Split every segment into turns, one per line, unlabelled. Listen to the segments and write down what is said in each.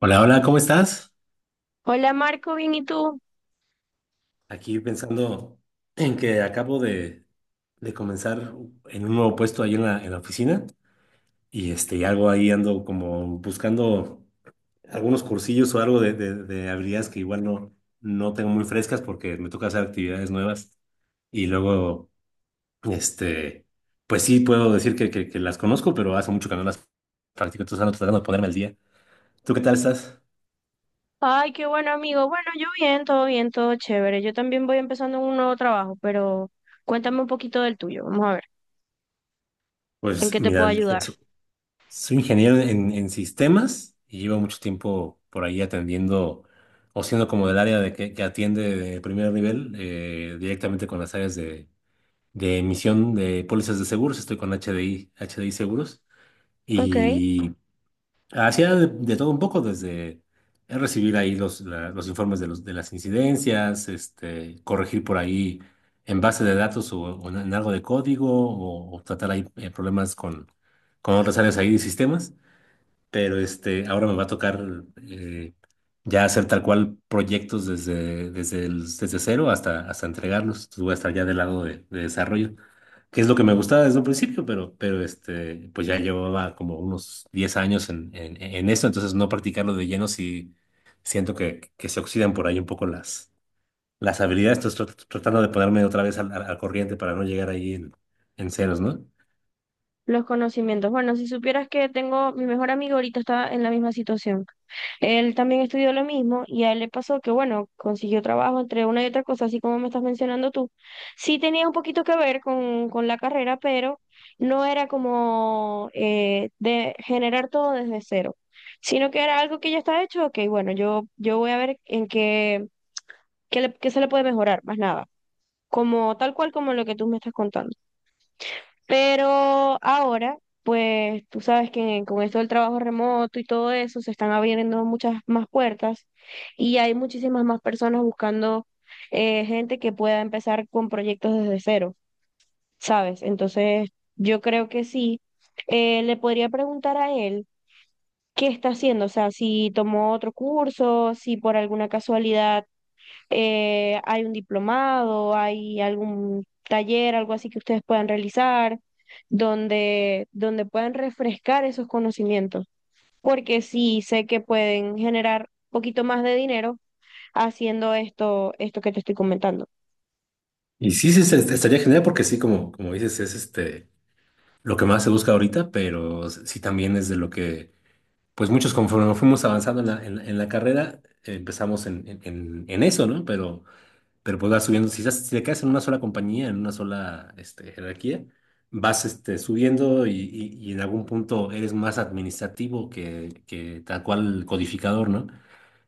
Hola, hola, ¿cómo estás?
Hola Marco, bien, ¿y tú?
Aquí pensando en que acabo de comenzar en un nuevo puesto ahí en la oficina y y algo ahí ando como buscando algunos cursillos o algo de habilidades que igual no tengo muy frescas porque me toca hacer actividades nuevas y luego, este, pues sí puedo decir que las conozco, pero hace mucho que no las practico. Entonces ando tratando de ponerme al día. ¿Tú qué tal estás?
Ay, qué bueno amigo. Bueno, yo bien, todo chévere. Yo también voy empezando un nuevo trabajo, pero cuéntame un poquito del tuyo. Vamos a ver, ¿en
Pues
qué te
mira,
puedo ayudar?
soy ingeniero en, sistemas y llevo mucho tiempo por ahí atendiendo o siendo como del área de que atiende de primer nivel, directamente con las áreas de emisión de pólizas de seguros. Estoy con H D I Seguros.
Ok,
Y hacía de todo un poco, desde recibir ahí los informes de las incidencias, corregir por ahí en base de datos, o en algo de código, o tratar ahí, problemas con otras áreas ahí de sistemas. Pero ahora me va a tocar, eh, ya hacer tal cual proyectos desde cero hasta, entregarlos. Entonces voy a estar ya del lado de desarrollo, que es lo que me gustaba desde un principio, pero, pues ya llevaba como unos 10 años en, en eso. Entonces, no practicarlo de lleno, si siento que se oxidan por ahí un poco las habilidades. Entonces tratando de ponerme otra vez al corriente para no llegar ahí en ceros, ¿no?
los conocimientos. Bueno, si supieras que tengo, mi mejor amigo ahorita está en la misma situación. Él también estudió lo mismo y a él le pasó que, bueno, consiguió trabajo entre una y otra cosa, así como me estás mencionando tú. Sí tenía un poquito que ver con la carrera, pero no era como de generar todo desde cero, sino que era algo que ya está hecho. Ok, bueno, yo voy a ver en qué, qué se le puede mejorar, más nada, como tal cual como lo que tú me estás contando. Pero ahora, pues tú sabes que con esto del trabajo remoto y todo eso, se están abriendo muchas más puertas y hay muchísimas más personas buscando gente que pueda empezar con proyectos desde cero, ¿sabes? Entonces, yo creo que sí. Le podría preguntar a él qué está haciendo, o sea, si tomó otro curso, si por alguna casualidad hay un diplomado, hay algún taller, algo así que ustedes puedan realizar, donde puedan refrescar esos conocimientos, porque sí sé que pueden generar un poquito más de dinero haciendo esto, esto que te estoy comentando.
Y sí, sí, estaría genial, porque sí, como dices, es lo que más se busca ahorita, pero sí también es de lo que pues muchos conforme fuimos avanzando en la carrera, empezamos en eso, ¿no? Pero, pues vas subiendo. Si te quedas en una sola compañía, en una sola jerarquía, vas, subiendo, y en algún punto eres más administrativo que tal cual codificador, ¿no?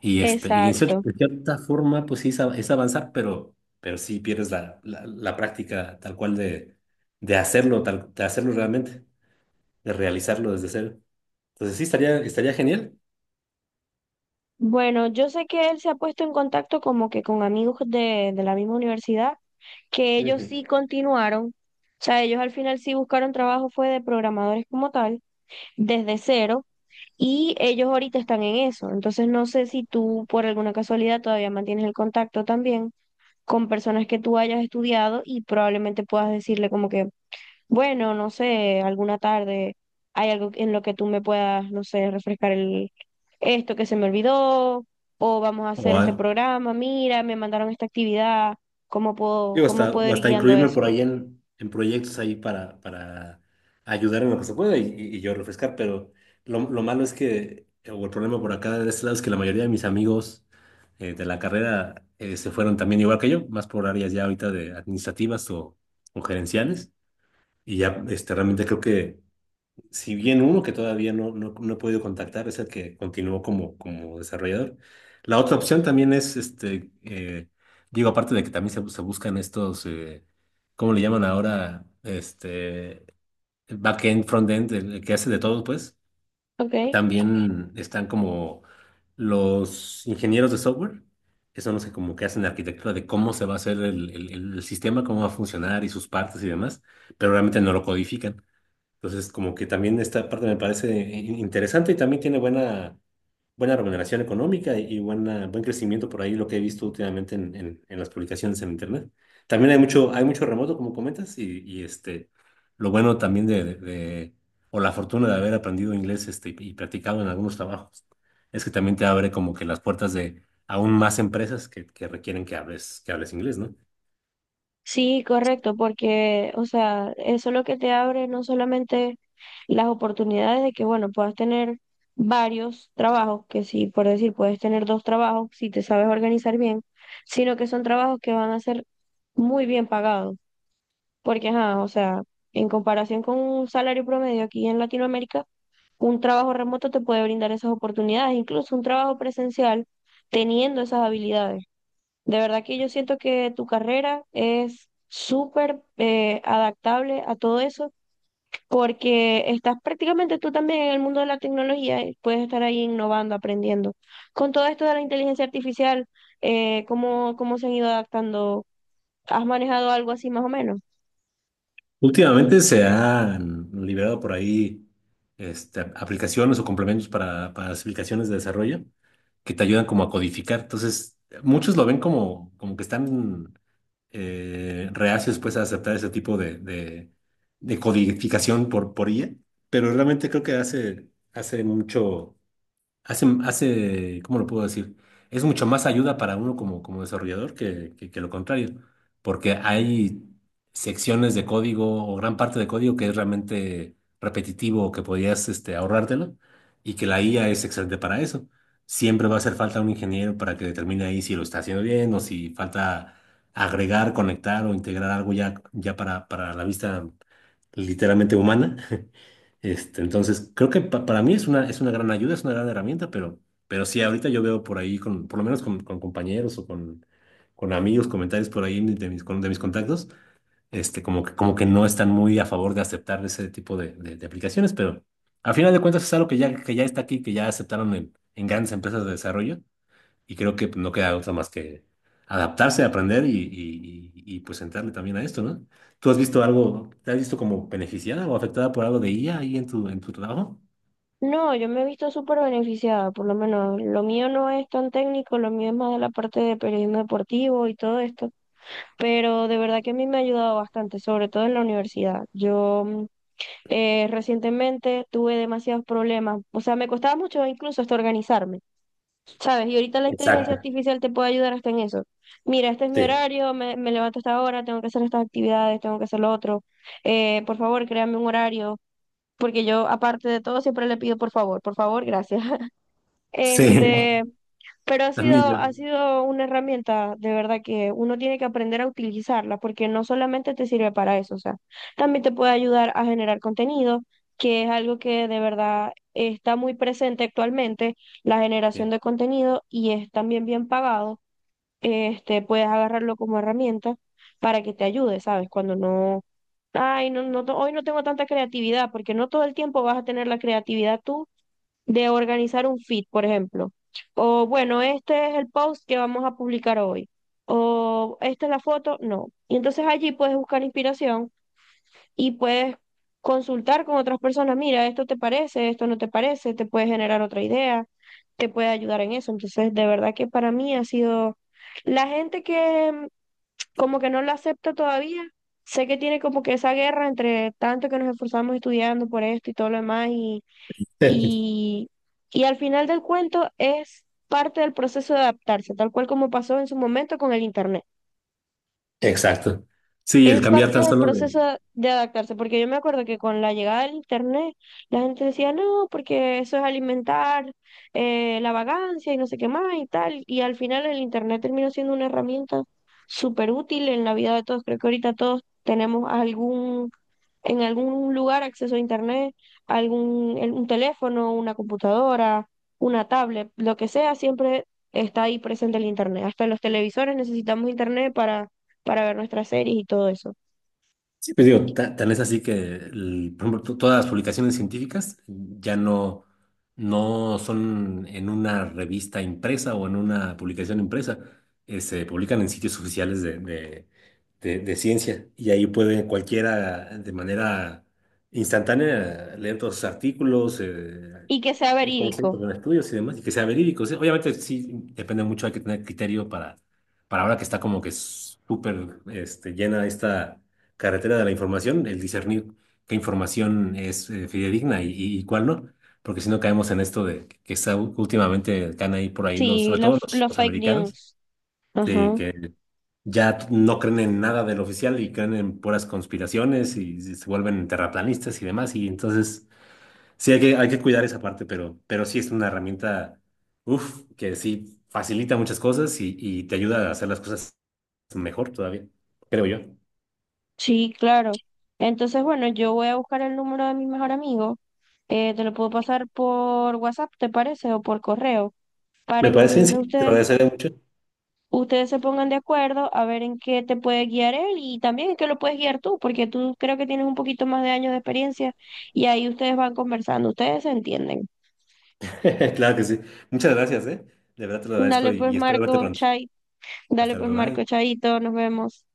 Y, y en cierta,
Exacto.
en cierta forma, pues sí, es avanzar, pero, sí pierdes la práctica tal cual de hacerlo, tal, de hacerlo realmente, de realizarlo desde cero. Entonces sí, estaría genial.
Bueno, yo sé que él se ha puesto en contacto como que con amigos de la misma universidad, que ellos
Ujú.
sí continuaron, o sea, ellos al final sí buscaron trabajo, fue de programadores como tal, desde cero. Y ellos ahorita están en eso. Entonces no sé si tú por alguna casualidad todavía mantienes el contacto también con personas que tú hayas estudiado y probablemente puedas decirle como que, bueno, no sé, alguna tarde hay algo en lo que tú me puedas, no sé, refrescar el esto que se me olvidó o vamos a
O,
hacer este
a-
programa, mira, me mandaron esta actividad,
Digo,
cómo
hasta,
puedo
o
ir
hasta
guiando
incluirme por
eso?
ahí en proyectos ahí para ayudar en lo que se pueda, y yo refrescar. Pero lo malo es que, o el problema por acá de este lado es que la mayoría de mis amigos, de la carrera, se fueron también igual que yo, más por áreas ya ahorita de administrativas o gerenciales, y ya realmente creo que, si bien, uno que todavía no he podido contactar es el que continuó como, desarrollador. La otra opción también es, digo, aparte de que también se buscan estos, ¿cómo le llaman ahora? Backend, frontend, el que hace de todo, pues.
Ok.
También están como los ingenieros de software, que son los que como que hacen la arquitectura de cómo se va a hacer el sistema, cómo va a funcionar y sus partes y demás, pero realmente no lo codifican. Entonces, como que también esta parte me parece interesante, y también tiene buena, buena remuneración económica y buena, buen crecimiento por ahí, lo que he visto últimamente en, en las publicaciones en Internet. También hay mucho remoto, como comentas, y, lo bueno también o la fortuna de haber aprendido inglés, y practicado en algunos trabajos, es que también te abre como que las puertas de aún más empresas que requieren que hables inglés, ¿no?
Sí, correcto, porque, o sea, eso es lo que te abre no solamente las oportunidades de que, bueno, puedas tener varios trabajos, que sí, por decir, puedes tener dos trabajos si te sabes organizar bien, sino que son trabajos que van a ser muy bien pagados, porque, ajá, o sea, en comparación con un salario promedio aquí en Latinoamérica, un trabajo remoto te puede brindar esas oportunidades, incluso un trabajo presencial teniendo esas habilidades. De verdad que yo siento que tu carrera es súper adaptable a todo eso, porque estás prácticamente tú también en el mundo de la tecnología y puedes estar ahí innovando, aprendiendo. Con todo esto de la inteligencia artificial, ¿cómo, cómo se han ido adaptando? ¿Has manejado algo así más o menos?
Últimamente se han liberado por ahí, aplicaciones o complementos para las aplicaciones de desarrollo que te ayudan como a codificar. Entonces, muchos lo ven como, que están, reacios, pues, a aceptar ese tipo de codificación por IA, pero realmente creo que hace, ¿cómo lo puedo decir? Es mucho más ayuda para uno como, desarrollador que, que lo contrario, porque hay secciones de código o gran parte de código que es realmente repetitivo, o que podías, ahorrártelo, y que la IA es excelente para eso. Siempre va a hacer falta un ingeniero para que determine ahí si lo está haciendo bien o si falta agregar, conectar o integrar algo ya, para, la vista literalmente humana. Entonces, creo que para mí es una, gran ayuda, es una gran herramienta, pero, sí, ahorita yo veo por ahí, por lo menos con compañeros o con amigos, comentarios por ahí de mis contactos, como que, no están muy a favor de aceptar ese tipo de aplicaciones, pero al final de cuentas es algo que ya está aquí, que ya aceptaron en, grandes empresas de desarrollo. Y creo que no queda otra más que adaptarse, aprender y, pues entrarle también a esto, ¿no? ¿Tú has visto algo? ¿Te has visto como beneficiada o afectada por algo de IA ahí en tu trabajo?
No, yo me he visto súper beneficiada, por lo menos lo mío no es tan técnico, lo mío es más de la parte de periodismo deportivo y todo esto, pero de verdad que a mí me ha ayudado bastante, sobre todo en la universidad. Yo recientemente tuve demasiados problemas, o sea, me costaba mucho incluso hasta organizarme, ¿sabes? Y ahorita la inteligencia
Exacto,
artificial te puede ayudar hasta en eso. Mira, este es mi
sí.
horario, me levanto a esta hora, tengo que hacer estas actividades, tengo que hacer lo otro. Por favor, créame un horario, porque yo, aparte de todo, siempre le pido por favor, gracias.
Sí,
Este, pero
también yo.
ha sido una herramienta de verdad que uno tiene que aprender a utilizarla porque no solamente te sirve para eso, o sea, también te puede ayudar a generar contenido, que es algo que de verdad está muy presente actualmente, la generación
Sí.
de contenido y es también bien pagado. Este, puedes agarrarlo como herramienta para que te ayude, ¿sabes? Cuando no, ay, hoy no tengo tanta creatividad porque no todo el tiempo vas a tener la creatividad tú de organizar un feed, por ejemplo. O bueno, este es el post que vamos a publicar hoy. O esta es la foto, no. Y entonces allí puedes buscar inspiración y puedes consultar con otras personas, mira, esto te parece, esto no te parece, te puede generar otra idea, te puede ayudar en eso. Entonces, de verdad que para mí ha sido la gente que como que no lo acepta todavía. Sé que tiene como que esa guerra entre tanto que nos esforzamos estudiando por esto y todo lo demás y, y al final del cuento es parte del proceso de adaptarse, tal cual como pasó en su momento con el Internet.
Exacto. Sí,
Es
el cambiar
parte
tan
del
solo
proceso
de,
de adaptarse, porque yo me acuerdo que con la llegada del Internet, la gente decía, no, porque eso es alimentar la vagancia y no sé qué más y tal. Y al final el Internet terminó siendo una herramienta súper útil en la vida de todos. Creo que ahorita todos tenemos algún en algún lugar acceso a internet, un teléfono, una computadora, una tablet, lo que sea, siempre está ahí presente el internet. Hasta los televisores necesitamos internet para ver nuestras series y todo eso.
sí, pues digo, tan es así que, por ejemplo, todas las publicaciones científicas ya no son en una revista impresa o en una publicación impresa. Se publican en sitios oficiales de ciencia, y ahí puede cualquiera de manera instantánea leer todos sus artículos,
Y que sea
cómo se
verídico.
con estudios y demás, y que sea verídico. O sea, obviamente sí, depende mucho, hay que tener criterio para, ahora que está como que súper, llena esta carretera de la información, el discernir qué información es, fidedigna, y cuál no, porque si no caemos en esto de que está, últimamente están ahí por ahí
Sí,
sobre todo los,
los
los
fake
americanos,
news.
sí,
Ajá.
que ya no creen en nada del oficial y creen en puras conspiraciones y se vuelven terraplanistas y demás, y entonces sí hay que cuidar esa parte, pero, sí es una herramienta, uff, que sí facilita muchas cosas y te ayuda a hacer las cosas mejor todavía, creo yo.
Sí, claro. Entonces, bueno, yo voy a buscar el número de mi mejor amigo. Te lo puedo pasar por WhatsApp, ¿te parece? O por correo,
Me
para que
parece, sí,
entonces
te lo agradecería mucho.
ustedes se pongan de acuerdo a ver en qué te puede guiar él y también en qué lo puedes guiar tú, porque tú creo que tienes un poquito más de años de experiencia y ahí ustedes van conversando, ustedes se entienden.
Claro que sí. Muchas gracias, ¿eh? De verdad te lo agradezco
Dale
y,
pues
espero verte
Marco,
pronto.
Chay, dale
Hasta
pues
luego,
Marco,
bye.
Chaito, nos vemos.